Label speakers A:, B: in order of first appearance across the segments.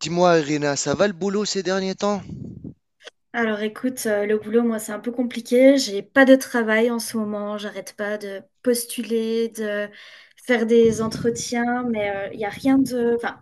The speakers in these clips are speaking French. A: Dis-moi, Irina, ça va le boulot ces derniers temps?
B: Alors écoute, le boulot, moi, c'est un peu compliqué. J'ai pas de travail en ce moment. J'arrête pas de postuler, de faire des entretiens, mais il y a rien de, enfin,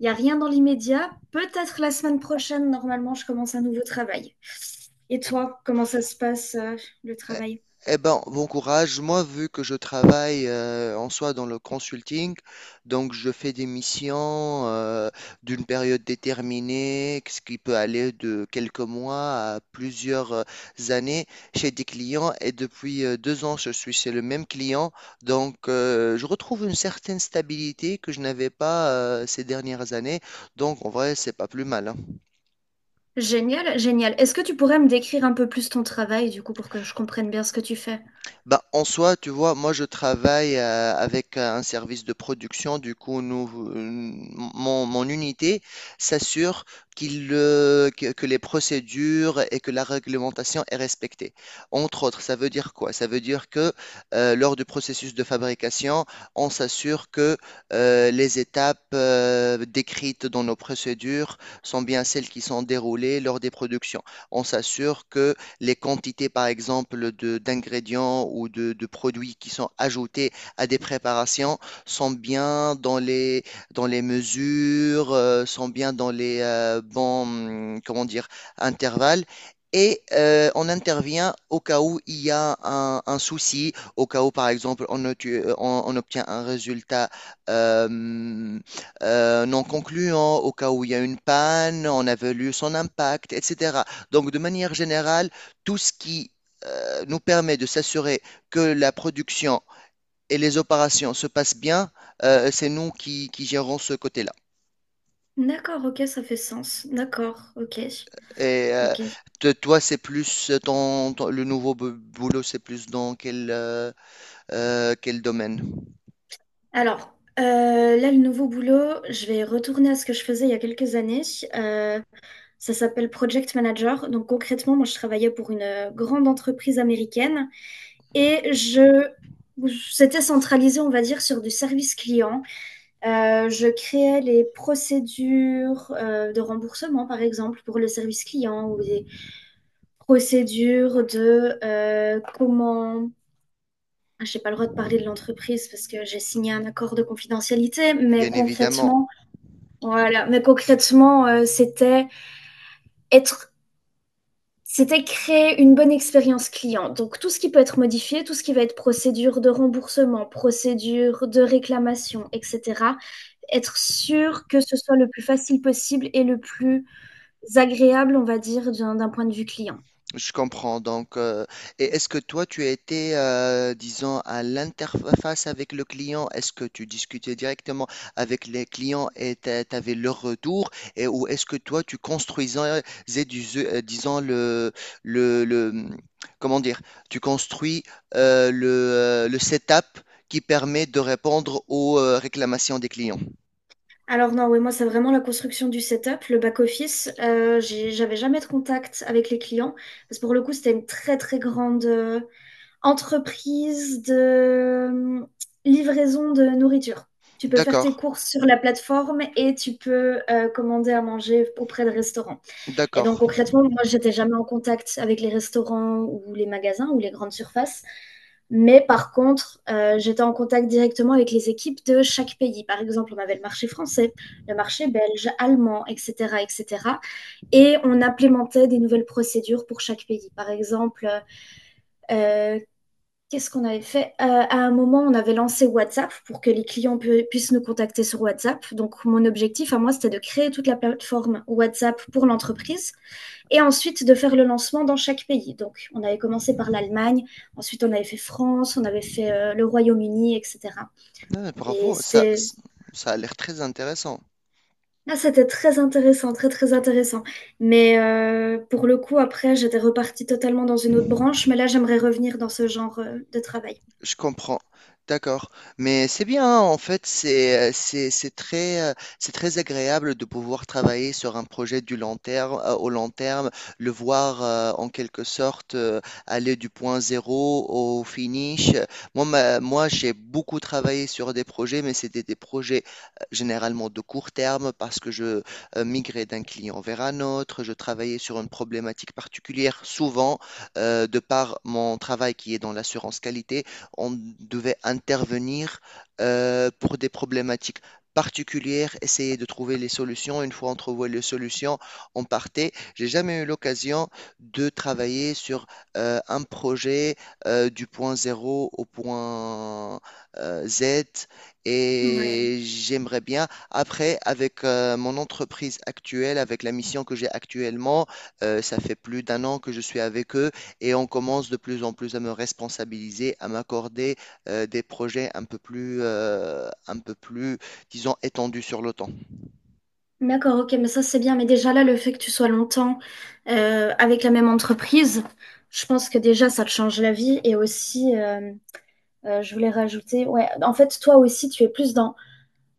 B: il y a rien dans l'immédiat. Peut-être la semaine prochaine, normalement, je commence un nouveau travail. Et
A: Eh
B: toi, comment ça se passe, le
A: eh-
B: travail?
A: eh ben, bon courage. Moi, vu que je travaille en soi dans le consulting, donc je fais des missions d'une période déterminée, ce qui peut aller de quelques mois à plusieurs années chez des clients. Et depuis 2 ans, je suis chez le même client. Donc, je retrouve une certaine stabilité que je n'avais pas ces dernières années. Donc, en vrai, c'est pas plus mal, hein.
B: Génial, génial. Est-ce que tu pourrais me décrire un peu plus ton travail, du coup, pour que je comprenne bien ce que tu fais?
A: Bah, en soi, tu vois, moi je travaille avec un service de production, du coup, nous, euh, mon unité s'assure que les procédures et que la réglementation est respectée. Entre autres, ça veut dire quoi? Ça veut dire que lors du processus de fabrication, on s'assure que les étapes décrites dans nos procédures sont bien celles qui sont déroulées lors des productions. On s'assure que les quantités, par exemple, d'ingrédients ou de produits qui sont ajoutés à des préparations sont bien dans dans les mesures, sont bien dans les bons, comment dire, intervalles. Et on intervient au cas où il y a un souci, au cas où, par exemple, on obtient un résultat euh, non concluant, au cas où il y a une panne, on a évalue son impact, etc. Donc, de manière générale, tout ce qui nous permet de s'assurer que la production et les opérations se passent bien, c'est nous qui gérons ce côté-là.
B: D'accord, ok, ça fait sens. D'accord, ok,
A: Et
B: ok.
A: toi, c'est plus le nouveau boulot, c'est plus dans quel, quel domaine?
B: Alors, là, le nouveau boulot, je vais retourner à ce que je faisais il y a quelques années. Euh, ça s'appelle Project Manager. Donc, concrètement, moi, je travaillais pour une grande entreprise américaine et je, c'était centralisé, on va dire, sur du service client. Je créais les procédures de remboursement, par exemple, pour le service client ou des procédures de Je n'ai pas le droit de parler de l'entreprise parce que j'ai signé un accord de confidentialité, mais
A: Bien évidemment.
B: concrètement, voilà, mais concrètement, être c'était créer une bonne expérience client. Donc tout ce qui peut être modifié, tout ce qui va être procédure de remboursement, procédure de réclamation et cetera. Être sûr que ce soit le plus facile possible et le plus agréable, on va dire, d'un d'un point de vue client.
A: Je comprends. Donc, et est-ce que toi, tu étais, disons, à l'interface avec le client? Est-ce que tu discutais directement avec les clients et tu avais leur retour? Et, ou est-ce que toi, tu construisais, disons, le, le- comment dire, tu construis le setup qui permet de répondre aux réclamations des clients?
B: Alors non, oui, moi, c'est vraiment la construction du setup, le back office. J'avais jamais de contact avec les clients parce que pour le coup, c'était une très, très grande, entreprise de euh, livraison de nourriture. Tu peux faire tes
A: D'accord,
B: courses sur la plateforme et tu peux commander à manger auprès de restaurants. Et donc
A: d'accord.
B: concrètement, moi, j'étais jamais en contact avec les restaurants ou les magasins ou les grandes surfaces. Mais par contre, j'étais en contact directement avec les équipes de chaque pays. Par exemple, on avait le marché français, le marché belge, allemand, etc., etc. Et cetera. Et on implémentait des nouvelles procédures pour chaque pays. Par exemple, euh, qu'est-ce qu'on avait fait? À un moment, on avait lancé WhatsApp pour que les clients puissent nous contacter sur WhatsApp. Donc, mon objectif à moi, c'était de créer toute la plateforme WhatsApp pour l'entreprise et ensuite de faire le lancement dans chaque pays. Donc, on avait commencé par l'Allemagne, ensuite on avait fait France, on avait fait le Royaume-Uni, etc.
A: Ah,
B: Et
A: bravo, ça,
B: c'était
A: ça a l'air très intéressant.
B: ah, c'était très intéressant, très très intéressant. Mais pour le coup, après, j'étais repartie totalement dans une autre branche. Mais là, j'aimerais revenir dans ce genre de travail.
A: Je comprends. D'accord. Mais c'est bien, hein, en fait, c'est très agréable de pouvoir travailler sur un projet du long terme, au long terme, le voir en quelque sorte aller du point zéro au finish. Moi, moi, j'ai beaucoup travaillé sur des projets, mais c'était des projets généralement de court terme parce que je migrais d'un client vers un autre, je travaillais sur une problématique particulière, souvent, de par mon travail qui est dans l'assurance qualité on devait intervenir pour des problématiques particulières, essayer de trouver les solutions. Une fois on trouvait les solutions, on partait. J'ai jamais eu l'occasion de travailler sur un projet du point zéro au point Z
B: Ouais.
A: et j'aimerais bien. Après, avec mon entreprise actuelle, avec la mission que j'ai actuellement, ça fait plus d'1 an que je suis avec eux et on commence de plus en plus à me responsabiliser, à m'accorder des projets un peu plus, disons, étendus sur le temps.
B: D'accord, ok, mais ça c'est bien. Mais déjà là, le fait que tu sois longtemps avec la même entreprise, je pense que déjà ça te change la vie. Et aussi, je voulais rajouter, ouais, en fait, toi aussi, tu es plus dans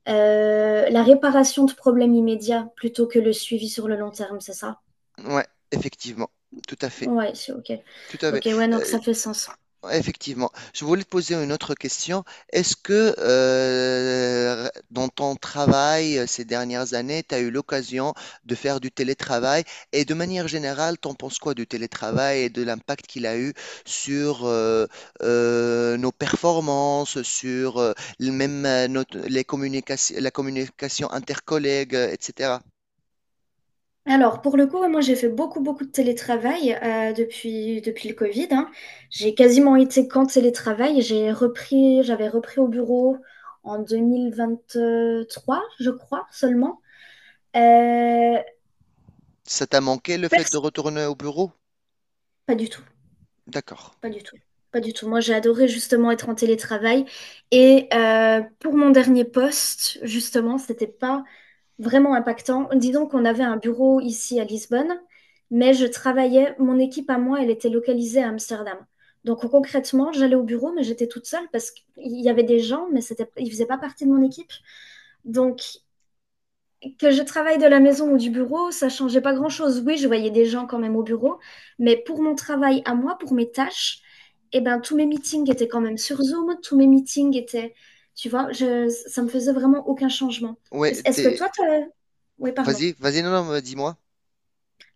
B: la réparation de problèmes immédiats plutôt que le suivi sur le long terme, c'est ça?
A: Ouais, effectivement, tout à fait,
B: Ouais, c'est ok.
A: tout à
B: Ok,
A: fait.
B: ouais, donc
A: Euh,
B: ça fait sens.
A: Effectivement. Je voulais te poser une autre question. Est-ce que dans ton travail ces dernières années, tu as eu l'occasion de faire du télétravail et de manière générale, t'en penses quoi du télétravail et de l'impact qu'il a eu sur nos performances, sur les communications, la communication intercollègue, etc.
B: Alors, pour le coup, ouais, moi, j'ai fait beaucoup, beaucoup de télétravail depuis le Covid, hein. J'ai quasiment été qu'en télétravail. J'avais repris au bureau en 2023 je crois, seulement. Euh,
A: Ça t'a manqué le fait de
B: pers-
A: retourner au bureau?
B: pas du tout,
A: D'accord.
B: pas du tout, pas du tout. Moi, j'ai adoré justement être en télétravail. Et pour mon dernier poste, justement, c'était pas vraiment impactant. Disons qu'on avait un bureau ici à Lisbonne, mais je travaillais, mon équipe à moi, elle était localisée à Amsterdam. Donc concrètement, j'allais au bureau, mais j'étais toute seule parce qu'il y avait des gens, mais c'était, ils ne faisaient pas partie de mon équipe. Donc que je travaille de la maison ou du bureau, ça changeait pas grand-chose. Oui, je voyais des gens quand même au bureau, mais pour mon travail à moi, pour mes tâches, eh ben, tous mes meetings étaient quand même sur Zoom, tous mes meetings étaient, ça me faisait vraiment aucun changement.
A: Ouais,
B: Est-ce que toi, t'as... Oui, pardon.
A: vas-y, vas-y, non, non, dis-moi.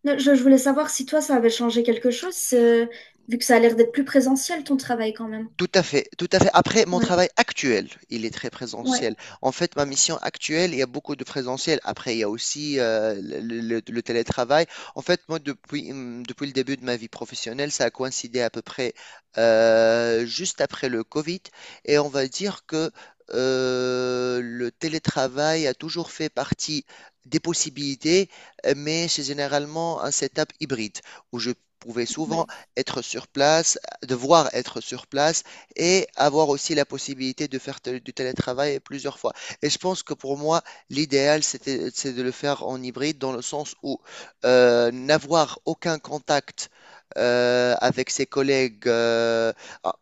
B: Non, je voulais savoir si toi, ça avait changé quelque chose, vu que ça a l'air d'être plus présentiel, ton travail quand même.
A: Tout à fait, tout à fait. Après, mon
B: Ouais,
A: travail actuel, il est très
B: ouais,
A: présentiel. En fait, ma mission actuelle, il y a beaucoup de présentiel. Après, il y a aussi le télétravail. En fait, moi, depuis, depuis le début de ma vie professionnelle, ça a coïncidé à peu près juste après le Covid. Et on va dire que le télétravail a toujours fait partie des possibilités, mais c'est généralement un setup hybride où je pouvais souvent
B: ouais,
A: être sur place, devoir être sur place et avoir aussi la possibilité de faire du télétravail plusieurs fois. Et je pense que pour moi, l'idéal, c'est de le faire en hybride dans le sens où n'avoir aucun contact avec ses collègues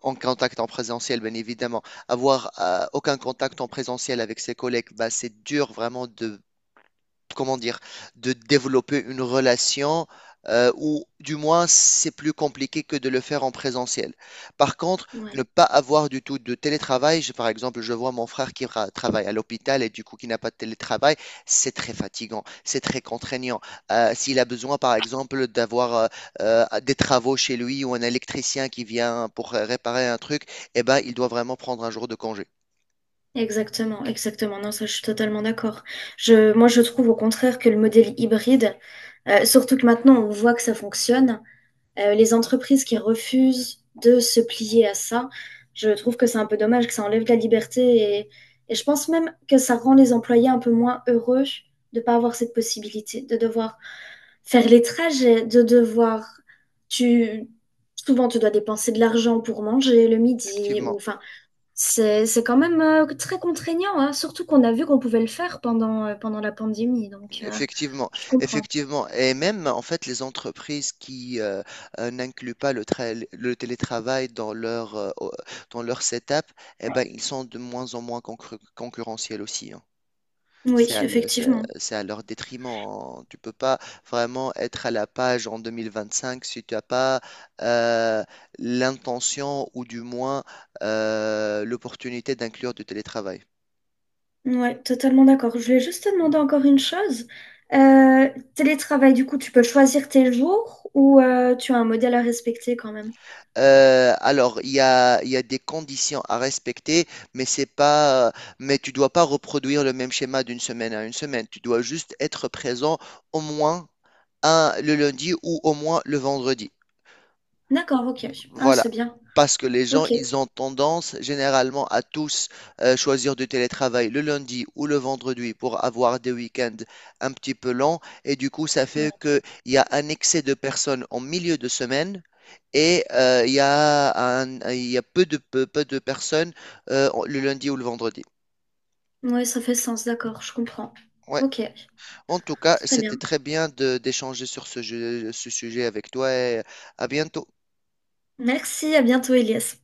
A: en contact en présentiel, bien évidemment. Avoir aucun contact en présentiel avec ses collègues, bah, c'est dur vraiment de comment dire, de développer une relation ou du moins c'est plus compliqué que de le faire en présentiel. Par contre,
B: ouais.
A: ne pas avoir du tout de télétravail, par exemple, je vois mon frère qui travaille à l'hôpital et du coup qui n'a pas de télétravail, c'est très fatigant, c'est très contraignant. S'il a besoin, par exemple, d'avoir des travaux chez lui ou un électricien qui vient pour réparer un truc, eh ben, il doit vraiment prendre un jour de congé.
B: Exactement, exactement. Non, ça, je suis totalement d'accord. Moi, je trouve au contraire que le modèle hybride, surtout que maintenant on voit que ça fonctionne, les entreprises qui refusent de se plier à ça, je trouve que c'est un peu dommage, que ça enlève de la liberté et, et je pense même que ça rend les employés un peu moins heureux de pas avoir cette possibilité, de devoir faire les trajets, tu, souvent tu dois dépenser de l'argent pour manger le midi ou
A: Effectivement.
B: enfin c'est quand même très contraignant, hein, surtout qu'on a vu qu'on pouvait le faire pendant, pendant la pandémie,
A: Effectivement,
B: je comprends.
A: effectivement. Et même, en fait, les entreprises qui n'incluent pas le télétravail dans leur, dans leur setup, eh ben, ils sont de moins en moins concurrentiels aussi, hein. C'est
B: Oui,
A: à, le-
B: effectivement.
A: c'est à leur détriment, hein. Tu peux pas vraiment être à la page en 2025 si tu n'as pas euh, l'intention ou du moins l'opportunité d'inclure du télétravail.
B: Ouais, totalement d'accord. Je voulais juste te demander encore une chose. Euh, télétravail, du coup, tu peux choisir tes jours ou tu as un modèle à respecter quand même?
A: Alors, il y a des conditions à respecter, mais c'est pas, mais tu dois pas reproduire le même schéma d'une semaine à une semaine. Tu dois juste être présent au moins un, le lundi ou au moins le vendredi.
B: D'accord, ok. Ah,
A: Voilà.
B: c'est bien.
A: Parce que les gens,
B: Ok.
A: ils ont tendance généralement à tous choisir du télétravail le lundi ou le vendredi pour avoir des week-ends un petit peu longs. Et du coup, ça
B: Ouais.
A: fait qu'il y a un excès de personnes en milieu de semaine et il y a il y a peu de personnes le lundi ou le vendredi.
B: Ouais, ça fait sens, d'accord, je comprends.
A: Ouais.
B: Ok,
A: En tout cas,
B: très
A: c'était
B: bien.
A: très bien d'échanger sur ce ce sujet avec toi et à bientôt.
B: Merci, à bientôt, Elias.